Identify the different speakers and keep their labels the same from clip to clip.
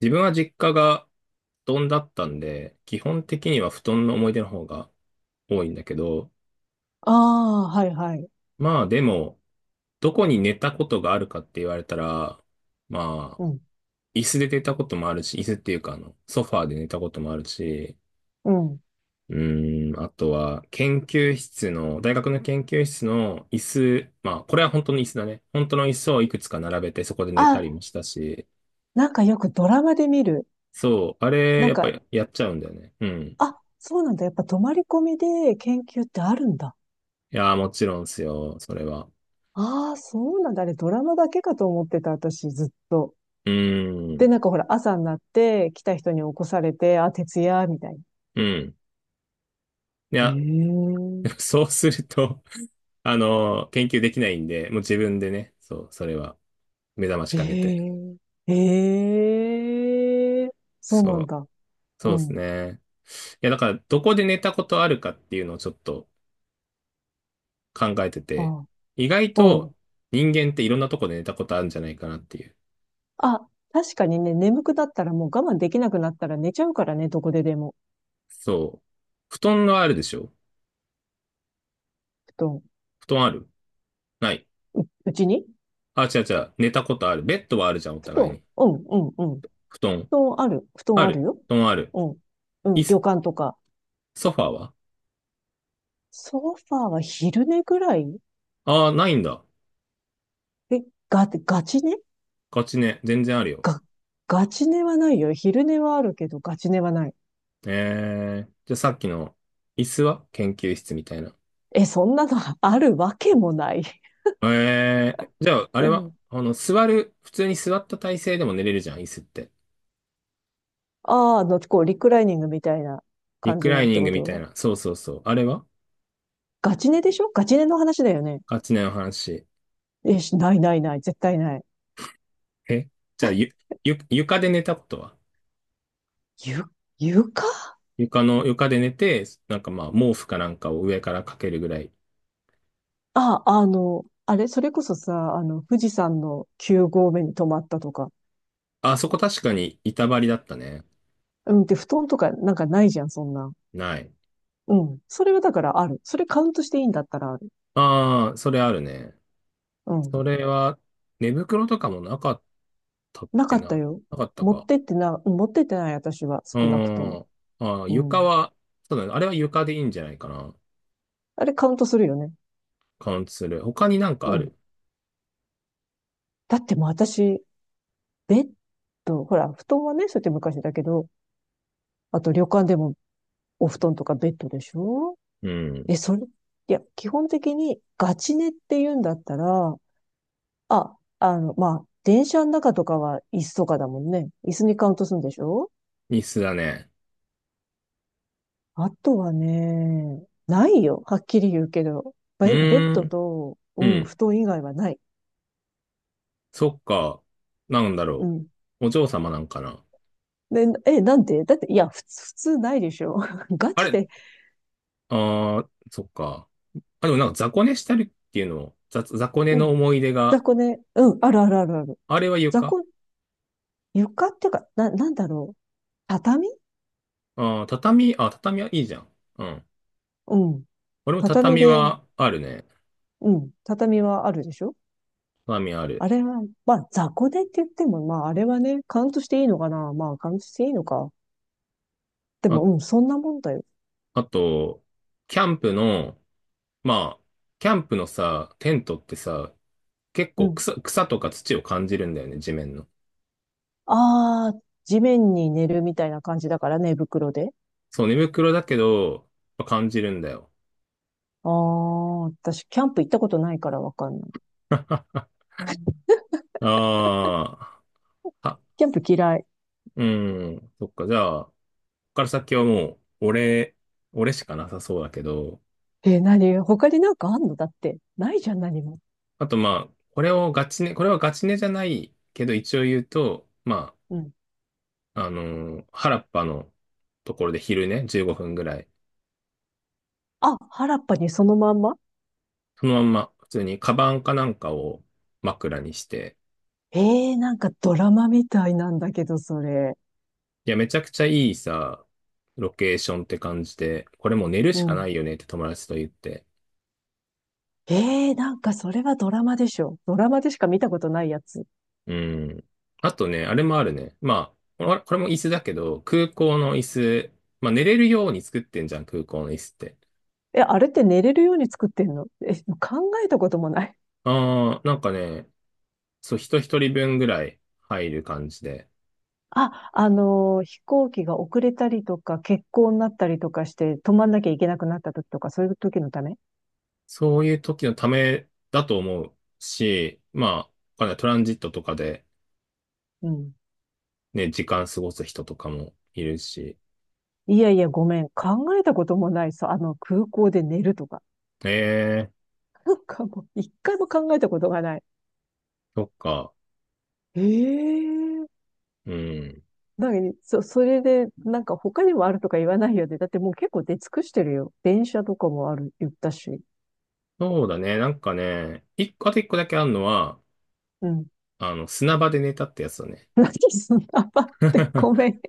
Speaker 1: 自分は実家が布団だったんで、基本的には布団の思い出の方が多いんだけど、
Speaker 2: ああ、はいはい。
Speaker 1: まあでも、どこに寝たことがあるかって言われたら、まあ、
Speaker 2: うん、
Speaker 1: 椅子で寝たこともあるし、椅子っていうかソファーで寝たこともあるし、
Speaker 2: うん。
Speaker 1: あとは研究室の、大学の研究室の椅子、まあこれは本当の椅子だね。本当の椅子をいくつか並べてそこで寝たり
Speaker 2: あ、
Speaker 1: もしたし、
Speaker 2: なんかよくドラマで見る。
Speaker 1: そう、あれ
Speaker 2: なん
Speaker 1: やっぱ
Speaker 2: か、
Speaker 1: やっちゃうんだよね。うん。
Speaker 2: あ、そうなんだ。やっぱ泊まり込みで研究ってあるんだ。
Speaker 1: いやー、もちろんですよ、それは。
Speaker 2: ああ、そうなんだ。あれドラマだけかと思ってた、私ずっと。
Speaker 1: うー
Speaker 2: で、
Speaker 1: ん。
Speaker 2: なんかほら、朝になって来た人に起こされて、あ、徹夜、みたいな。
Speaker 1: うん。い
Speaker 2: え
Speaker 1: や、
Speaker 2: え、
Speaker 1: そうすると、研究できないんで、もう自分でね、そう、それは、目覚ましかけて。
Speaker 2: ええ、ええ、そう
Speaker 1: そ
Speaker 2: なん
Speaker 1: う、
Speaker 2: だ。
Speaker 1: そ
Speaker 2: う
Speaker 1: うです
Speaker 2: ん。
Speaker 1: ね。いや、だから、どこで寝たことあるかっていうのをちょっと考えてて、
Speaker 2: あ、
Speaker 1: 意外
Speaker 2: うん。
Speaker 1: と人間っていろんなとこで寝たことあるんじゃないかなっていう。
Speaker 2: あ、確かにね、眠くなったらもう我慢できなくなったら寝ちゃうからね、どこででも。
Speaker 1: そう。布団はあるでしょ？
Speaker 2: 布団。
Speaker 1: 布団ある？ない。
Speaker 2: うちに
Speaker 1: あ、違う違う。寝たことある。ベッドはあるじゃん、お
Speaker 2: 布
Speaker 1: 互い
Speaker 2: 団、
Speaker 1: に。
Speaker 2: うん、うん、うん。
Speaker 1: 布団。
Speaker 2: 布団ある、布
Speaker 1: あ
Speaker 2: 団あ
Speaker 1: る。
Speaker 2: るよ。
Speaker 1: 布団ある。
Speaker 2: うん、う
Speaker 1: 椅
Speaker 2: ん、旅
Speaker 1: 子、
Speaker 2: 館とか。
Speaker 1: ソファーは？
Speaker 2: ソファーは昼寝ぐらい。
Speaker 1: ああー、ないんだ。
Speaker 2: え、が、ガチ寝
Speaker 1: ガチね、全然あるよ。
Speaker 2: が、ガチ寝はないよ。昼寝はあるけど、ガチ寝はない。
Speaker 1: えー、じゃあさっきの椅子は研究室みたいな。
Speaker 2: え、そんなの あるわけもない。
Speaker 1: えー、じゃああれ
Speaker 2: う
Speaker 1: は、
Speaker 2: ん。
Speaker 1: 座る、普通に座った体勢でも寝れるじゃん、椅子って。
Speaker 2: ああ、こう、リクライニングみたいな
Speaker 1: リ
Speaker 2: 感
Speaker 1: ク
Speaker 2: じ
Speaker 1: ラ
Speaker 2: の
Speaker 1: イ
Speaker 2: っ
Speaker 1: ニ
Speaker 2: て
Speaker 1: ン
Speaker 2: こ
Speaker 1: グみたい
Speaker 2: と？
Speaker 1: な。そうそうそう。あれは
Speaker 2: ガチ寝でしょ？ガチ寝の話だよね。
Speaker 1: ガチねの話。
Speaker 2: え、しないないない、絶対ない。
Speaker 1: え、じゃあ床で寝たことは？
Speaker 2: ゆ、床
Speaker 1: 床の、床で寝て、なんかまあ毛布かなんかを上からかけるぐらい。
Speaker 2: あ、あの、あれ、それこそさ、富士山の9合目に泊まったとか。
Speaker 1: あ、そこ確かに板張りだったね。
Speaker 2: うん、で、布団とかなんかないじゃん、そんな。
Speaker 1: ない。
Speaker 2: うん。それはだからある。それカウントしていいんだったらある。
Speaker 1: ああ、それあるね。
Speaker 2: うん。
Speaker 1: それは、寝袋とかもなかっったっ
Speaker 2: なか
Speaker 1: け
Speaker 2: った
Speaker 1: な。
Speaker 2: よ。
Speaker 1: なかった
Speaker 2: 持っ
Speaker 1: か。
Speaker 2: てってな、うん、持ってってない、私は
Speaker 1: う
Speaker 2: 少なくと
Speaker 1: ー
Speaker 2: も。
Speaker 1: ん。ああ、
Speaker 2: う
Speaker 1: 床
Speaker 2: ん。
Speaker 1: は、そうだね。あれは床でいいんじゃないかな。
Speaker 2: あれカウントするよね。
Speaker 1: カウントする。他になんか
Speaker 2: う
Speaker 1: あ
Speaker 2: ん。
Speaker 1: る？
Speaker 2: だってもう私、ベッド、ほら、布団はね、そうやって昔だけど、あと旅館でもお布団とかベッドでしょ？
Speaker 1: うん。
Speaker 2: え、いや、基本的にガチ寝って言うんだったら、あ、まあ、電車の中とかは椅子とかだもんね。椅子にカウントするんでしょ？
Speaker 1: 椅子だね。
Speaker 2: あとはね、ないよ。はっきり言うけど。
Speaker 1: う
Speaker 2: ベ、ベッ
Speaker 1: ー
Speaker 2: ド
Speaker 1: ん。
Speaker 2: と、
Speaker 1: う
Speaker 2: うん、
Speaker 1: ん。
Speaker 2: 布団以外はない。
Speaker 1: そっか。なんだ
Speaker 2: う
Speaker 1: ろ
Speaker 2: ん。
Speaker 1: う。お嬢様なんかな。
Speaker 2: で、なんでだって、いや、普通、普通ないでしょ。ガ
Speaker 1: あ
Speaker 2: チ
Speaker 1: れ？
Speaker 2: で、
Speaker 1: ああ、そっか。あ、でもなんか雑魚寝したりっていうのを、雑魚寝
Speaker 2: う
Speaker 1: の
Speaker 2: ん、
Speaker 1: 思い出が、
Speaker 2: 雑魚ね。うん、あるあるあるある。
Speaker 1: あれは
Speaker 2: 雑
Speaker 1: 床？
Speaker 2: 魚、床っていうか、なんだろう。畳。
Speaker 1: ああ、畳、あ、畳はいいじゃん。うん。
Speaker 2: うん。
Speaker 1: 俺も
Speaker 2: 畳
Speaker 1: 畳
Speaker 2: で、
Speaker 1: はあるね。
Speaker 2: うん、畳はあるでしょ？
Speaker 1: 畳ある。
Speaker 2: あれは、まあ、雑魚寝って言っても、まあ、あれはね、カウントしていいのかな。まあ、カウントしていいのか。で
Speaker 1: あ、
Speaker 2: も、うん、そんなもんだよ。
Speaker 1: あと、キャンプの、まあ、キャンプのさ、テントってさ、結
Speaker 2: う
Speaker 1: 構
Speaker 2: ん。
Speaker 1: 草とか土を感じるんだよね、地面の。
Speaker 2: ああ、地面に寝るみたいな感じだからね、寝袋で。
Speaker 1: そう、寝袋だけど、まあ感じるんだよ。
Speaker 2: ああ、私、キャンプ行ったことないからわかんない。
Speaker 1: ああ、は、
Speaker 2: キャンプ嫌い。
Speaker 1: うん、そっか、じゃあ、ここから先はもう、俺、俺しかなさそうだけど、
Speaker 2: 何、他になんかあんの？だって、ないじゃん、何も。
Speaker 1: あとまあ、これをガチね、これはガチねじゃないけど、一応言うと、ま
Speaker 2: うん。
Speaker 1: あ、原っぱのところで昼ね、15分ぐらい、
Speaker 2: あ、原っぱにそのまんま？
Speaker 1: そのまんま、普通にカバンかなんかを枕にして、
Speaker 2: えなんかドラマみたいなんだけど、それ。
Speaker 1: いや、めちゃくちゃいいさ、ロケーションって感じで、これもう寝る
Speaker 2: う
Speaker 1: しかな
Speaker 2: ん。
Speaker 1: いよねって友達と言って。
Speaker 2: なんかそれはドラマでしょ。ドラマでしか見たことないやつ。
Speaker 1: うん。あとね、あれもあるね。まあ、これも椅子だけど、空港の椅子、まあ寝れるように作ってんじゃん、空港の椅子って。
Speaker 2: え、あれって寝れるように作ってんの？え、考えたこともない。
Speaker 1: ああ、なんかね、そう、人一人分ぐらい入る感じで、
Speaker 2: あ、飛行機が遅れたりとか、欠航になったりとかして、止まんなきゃいけなくなった時とか、そういう時のため。
Speaker 1: そういう時のためだと思うし、まあ、わかんない、トランジットとかで
Speaker 2: うん。
Speaker 1: ね、時間過ごす人とかもいるし、
Speaker 2: いやいや、ごめん。考えたこともないさ。空港で寝るとか。
Speaker 1: ええ、
Speaker 2: なんかもう、一回も考えたことがない。
Speaker 1: そっか。
Speaker 2: ええー、
Speaker 1: うん。
Speaker 2: なに、そ、それで、なんか他にもあるとか言わないよね。だってもう結構出尽くしてるよ。電車とかもある、言ったし。
Speaker 1: そうだね。なんかね、一個、あと一個だけあるのは、
Speaker 2: うん。
Speaker 1: あの、砂場で寝たってやつだね。
Speaker 2: 何、砂場って？ ご めん。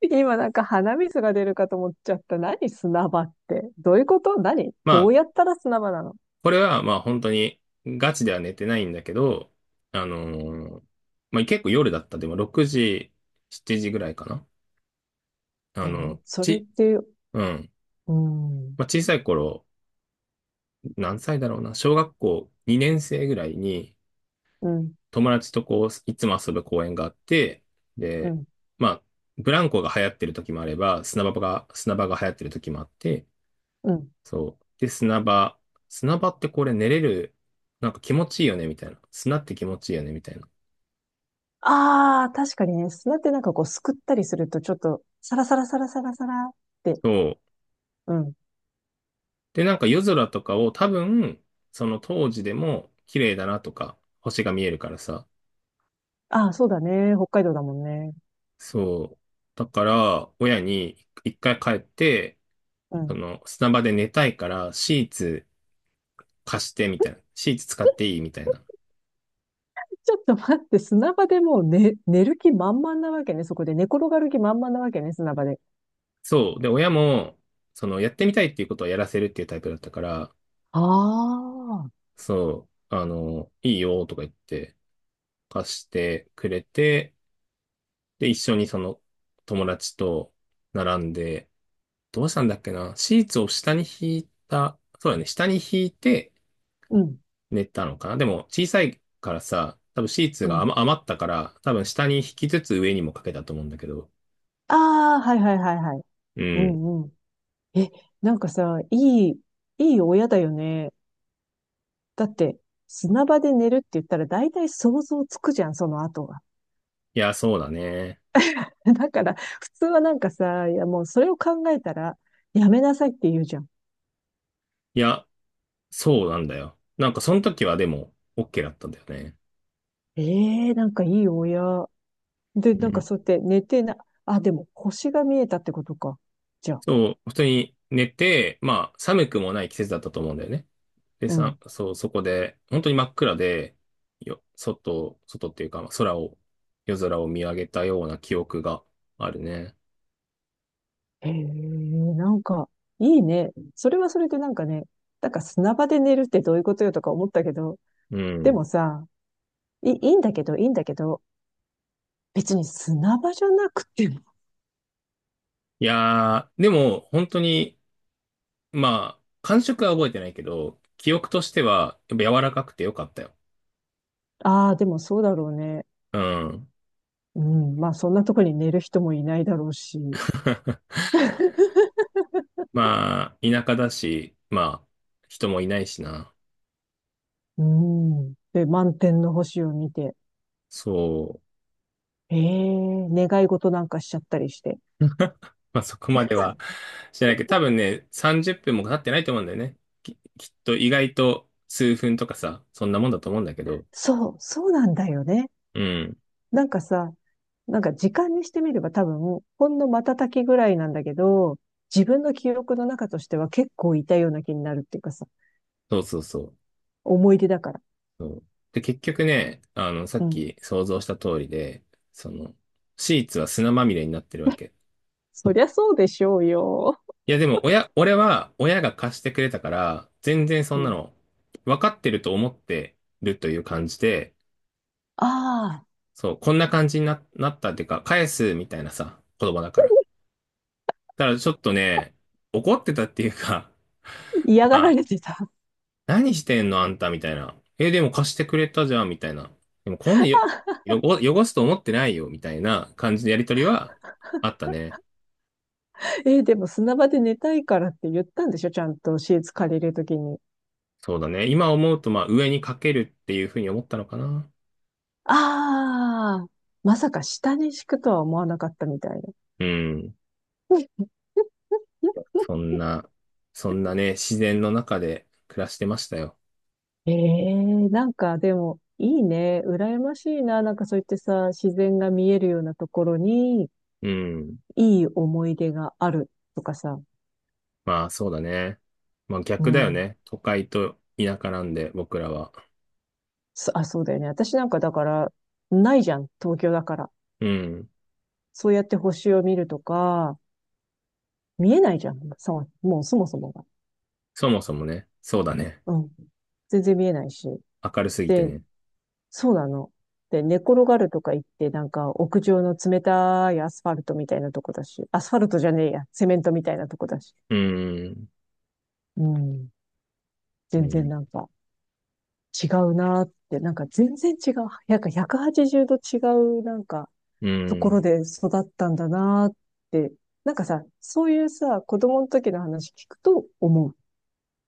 Speaker 2: 今なんか鼻水が出るかと思っちゃった。何、砂場って。どういうこと？何？
Speaker 1: ま
Speaker 2: ど
Speaker 1: あ、
Speaker 2: うやったら砂場なの？
Speaker 1: これは、まあ本当に、ガチでは寝てないんだけど、あのーまあ結構夜だった。でも6時、7時ぐらいかな。あの、
Speaker 2: それっ
Speaker 1: ち、
Speaker 2: て、う
Speaker 1: うん。
Speaker 2: ーん、
Speaker 1: まあ小さい頃、何歳だろうな。小学校2年生ぐらいに、
Speaker 2: うん、
Speaker 1: 友達とこう、いつも遊ぶ公園があって、
Speaker 2: う
Speaker 1: で、
Speaker 2: ん、
Speaker 1: まあ、ブランコが流行ってる時もあれば、砂場が流行ってる時もあって、
Speaker 2: うん。
Speaker 1: そう。で、砂場。砂場ってこれ寝れる、なんか気持ちいいよね、みたいな。砂って気持ちいいよね、みたいな。
Speaker 2: ああ、確かにね、砂ってなんかこうすくったりするとちょっと、サラサラサラサラサラって、
Speaker 1: そう。
Speaker 2: うん。
Speaker 1: で、なんか夜空とかを多分、その当時でも綺麗だなとか、星が見えるからさ。
Speaker 2: ああ、そうだね。北海道だもんね。
Speaker 1: そう。だから、親に一回帰って、
Speaker 2: う
Speaker 1: そ
Speaker 2: ん。
Speaker 1: の砂場で寝たいから、シーツ貸して、みたいな。シーツ使っていい、みたいな。
Speaker 2: ちょっと待って、砂場でもう寝る気満々なわけね。そこで寝転がる気満々なわけね、砂場で。
Speaker 1: そう。で、親も、その、やってみたいっていうことはやらせるっていうタイプだったから、
Speaker 2: ああ、
Speaker 1: そう、いいよ、とか言って、貸してくれて、で、一緒にその友達と並んで、どうしたんだっけな、シーツを下に引いた、そうだね、下に引いて
Speaker 2: うん。
Speaker 1: 寝たのかな、でも小さいからさ、多分シーツ
Speaker 2: う
Speaker 1: が
Speaker 2: ん。
Speaker 1: 余ったから、多分下に引きつつ上にもかけたと思うんだけど。
Speaker 2: ああ、はいはいはいはい。
Speaker 1: う
Speaker 2: う
Speaker 1: ん。
Speaker 2: んうん。え、なんかさ、いい親だよね。だって、砂場で寝るって言ったら大体想像つくじゃん、その後が。
Speaker 1: いや、そうだね。
Speaker 2: だから、普通はなんかさ、いやもうそれを考えたら、やめなさいって言うじゃん。
Speaker 1: いや、そうなんだよ。なんかその時はでも、OK だったんだよね。
Speaker 2: ええ、なんかいい親。で、
Speaker 1: う
Speaker 2: なんか
Speaker 1: ん。
Speaker 2: そうやって寝てな、あ、でも星が見えたってことか。じゃあ。
Speaker 1: そう、普通に寝て、まあ、寒くもない季節だったと思うんだよね。で、
Speaker 2: う
Speaker 1: さ、
Speaker 2: ん。
Speaker 1: そう、そこで、本当に真っ暗で、外、外っていうか、まあ空を、夜空を見上げたような記憶があるね。
Speaker 2: へえ、なんか、いいね。それはそれでなんかね、なんか砂場で寝るってどういうことよとか思ったけど、
Speaker 1: う
Speaker 2: で
Speaker 1: ん。
Speaker 2: もさ、いいんだけど、いいんだけど、別に砂場じゃなくても。
Speaker 1: いやー、でも、本当に、まあ、感触は覚えてないけど、記憶としては、やっぱ柔らかくてよかったよ。
Speaker 2: ああ、でもそうだろうね。
Speaker 1: うん。
Speaker 2: うん。まあ、そんなとこに寝る人もいないだろうし。
Speaker 1: まあ、田舎だし、まあ、人もいないしな。
Speaker 2: うん。で、満天の星を見て、
Speaker 1: そう。
Speaker 2: ええ、願い事なんかしちゃったりして。
Speaker 1: まあ、 そこまではしてないけど、多分ね、30分も経ってないと思うんだよね。きっと意外と数分とかさ、そんなもんだと思うんだけど。
Speaker 2: そう、そうなんだよね。
Speaker 1: うん。
Speaker 2: なんかさ、なんか時間にしてみれば多分、ほんの瞬きぐらいなんだけど、自分の記憶の中としては結構いたような気になるっていうかさ、
Speaker 1: そうそうそう。
Speaker 2: 思い出だから。
Speaker 1: そう。で、結局ね、あの、さ
Speaker 2: う
Speaker 1: っ
Speaker 2: ん。
Speaker 1: き想像した通りで、その、シーツは砂まみれになってるわけ。
Speaker 2: そりゃそうでしょうよ。
Speaker 1: いや、でも、親、俺は親が貸してくれたから、全然そ
Speaker 2: う
Speaker 1: んな
Speaker 2: ん。
Speaker 1: の、分かってると思ってるという感じで、
Speaker 2: ああ、
Speaker 1: そう、こんな感じになったっていうか、返すみたいなさ、子供だから。だからちょっとね、怒ってたっていうか、
Speaker 2: 嫌が
Speaker 1: ま
Speaker 2: ら
Speaker 1: あ、
Speaker 2: れてた。
Speaker 1: 何してんのあんたみたいな。え、でも貸してくれたじゃんみたいな。でもこんなよ、汚すと思ってないよみたいな感じのやりとりはあったね。
Speaker 2: でも砂場で寝たいからって言ったんでしょ？ちゃんとシーツ借りるときに。
Speaker 1: そうだね。今思うと、まあ、上にかけるっていうふうに思ったのかな。
Speaker 2: ああ、まさか下に敷くとは思わなかったみたいな。
Speaker 1: うん。そんな、そんなね、自然の中で暮らしてましたよ。
Speaker 2: ええ、なんかでも、いいね。羨ましいな。なんかそう言ってさ、自然が見えるようなところに、
Speaker 1: うん。
Speaker 2: いい思い出があるとかさ。
Speaker 1: まあ、そうだね。まあ、
Speaker 2: う
Speaker 1: 逆だよ
Speaker 2: ん。
Speaker 1: ね。都会と田舎なんで、僕らは。
Speaker 2: そうだよね。私なんかだから、ないじゃん。東京だから。
Speaker 1: うん。
Speaker 2: そうやって星を見るとか、見えないじゃん。そう、もうそもそもが。
Speaker 1: そもそもね、そうだね。
Speaker 2: うん。全然見えないし。
Speaker 1: 明るすぎて
Speaker 2: で、
Speaker 1: ね。
Speaker 2: そうなの。で、寝転がるとか言って、なんか屋上の冷たいアスファルトみたいなとこだし、アスファルトじゃねえや、セメントみたいなとこだし。
Speaker 1: うーん。
Speaker 2: うん。
Speaker 1: う
Speaker 2: 全然
Speaker 1: ん。
Speaker 2: なんか違うなーって、なんか全然違う。なんか180度違うなんか
Speaker 1: う
Speaker 2: とこ
Speaker 1: ー
Speaker 2: ろ
Speaker 1: ん。
Speaker 2: で育ったんだなーって。なんかさ、そういうさ、子供の時の話聞くと思う。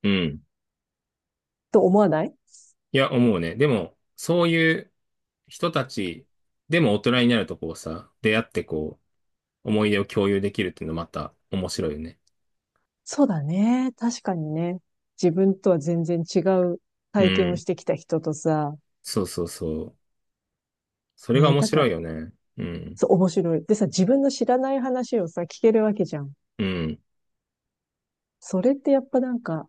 Speaker 1: うん。
Speaker 2: と思わない？
Speaker 1: いや、思うね。でも、そういう人たち、でも大人になるとこうさ、出会ってこう、思い出を共有できるっていうのまた面白いよね。
Speaker 2: そうだね。確かにね。自分とは全然違う
Speaker 1: う
Speaker 2: 体験を
Speaker 1: ん。
Speaker 2: してきた人とさ、
Speaker 1: そうそうそう。そ
Speaker 2: え
Speaker 1: れが
Speaker 2: ー、
Speaker 1: 面
Speaker 2: なんか
Speaker 1: 白い
Speaker 2: ら、
Speaker 1: よね。うん。
Speaker 2: そう、面白い。でさ、自分の知らない話をさ、聞けるわけじゃん。
Speaker 1: うん。
Speaker 2: それってやっぱなんか、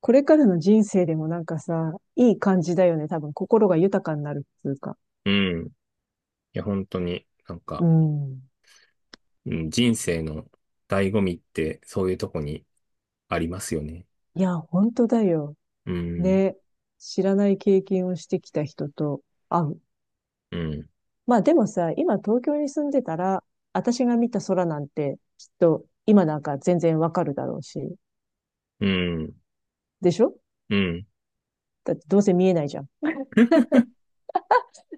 Speaker 2: これからの人生でもなんかさ、いい感じだよね。多分、心が豊かになるっていうか。
Speaker 1: うん。いや、本当に、なん
Speaker 2: う
Speaker 1: か、
Speaker 2: ん。
Speaker 1: うん、人生の醍醐味ってそういうとこにありますよね。
Speaker 2: いや、本当だよ。
Speaker 1: うん。
Speaker 2: ね。知らない経験をしてきた人と会う。
Speaker 1: うん。
Speaker 2: まあでもさ、今東京に住んでたら、私が見た空なんて、きっと今なんか全然わかるだろうし、
Speaker 1: うん。
Speaker 2: でしょ？
Speaker 1: うん。
Speaker 2: だってどうせ見えないじゃん。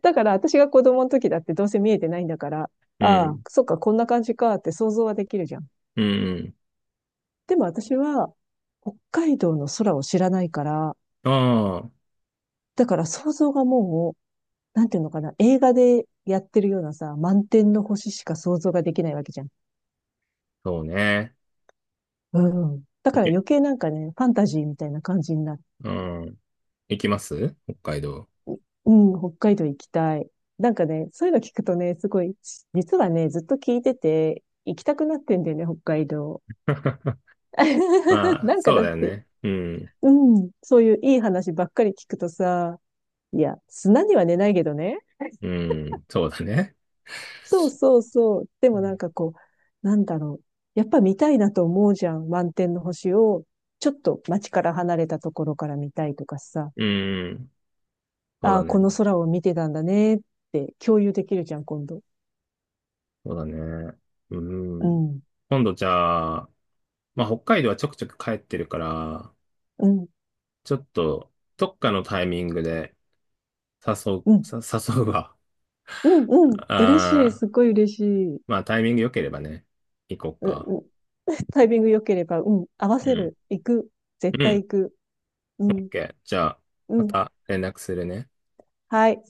Speaker 2: だから私が子供の時だってどうせ見えてないんだから、
Speaker 1: う
Speaker 2: ああ、
Speaker 1: ん。
Speaker 2: そっか、こんな感じかって想像はできるじゃん。
Speaker 1: うん。
Speaker 2: でも私は、北海道の空を知らないから、
Speaker 1: ああ、
Speaker 2: だから想像がもう、なんていうのかな、映画でやってるようなさ、満天の星しか想像ができないわけじゃん。
Speaker 1: そうね。
Speaker 2: うん。だ
Speaker 1: い
Speaker 2: から
Speaker 1: け、
Speaker 2: 余計なんかね、ファンタジーみたいな感じになる。
Speaker 1: うん。行きます北海道。
Speaker 2: うん、北海道行きたい。なんかね、そういうの聞くとね、すごい、実はね、ずっと聞いてて、行きたくなってんだよね、北海道。
Speaker 1: まあ、
Speaker 2: なんか
Speaker 1: そう
Speaker 2: だっ
Speaker 1: だよ
Speaker 2: て、
Speaker 1: ね。うん。
Speaker 2: うん、そういういい話ばっかり聞くとさ、いや、砂には寝ないけどね。
Speaker 1: うん。そうだね。
Speaker 2: そうそうそう。で
Speaker 1: う
Speaker 2: もなん
Speaker 1: ん。
Speaker 2: かこう、なんだろう。やっぱ見たいなと思うじゃん。満天の星を、ちょっと街から離れたところから見たいとかさ。
Speaker 1: うん、そう
Speaker 2: あ
Speaker 1: だ
Speaker 2: あ、こ
Speaker 1: ね。
Speaker 2: の空を見てたんだねって共有できるじゃん、今度。
Speaker 1: そうだね。う
Speaker 2: う
Speaker 1: ん。
Speaker 2: ん、
Speaker 1: 今度じゃあ、まあ、北海道はちょくちょく帰ってるから、
Speaker 2: うん、
Speaker 1: ちょっと、どっかのタイミングで誘う、
Speaker 2: う ん。
Speaker 1: さ誘うわ。
Speaker 2: うんうん。嬉しい。
Speaker 1: ああ、
Speaker 2: すっごい嬉しい。う、
Speaker 1: まあ、タイミング良ければね、行こうか。
Speaker 2: うん。タイミング良ければ、うん。合わ
Speaker 1: う
Speaker 2: せ
Speaker 1: ん。
Speaker 2: る。行く。絶
Speaker 1: う
Speaker 2: 対
Speaker 1: ん。
Speaker 2: 行く。うん。
Speaker 1: OK。じゃあ、
Speaker 2: う
Speaker 1: ま
Speaker 2: ん。
Speaker 1: た連絡するね。
Speaker 2: はい。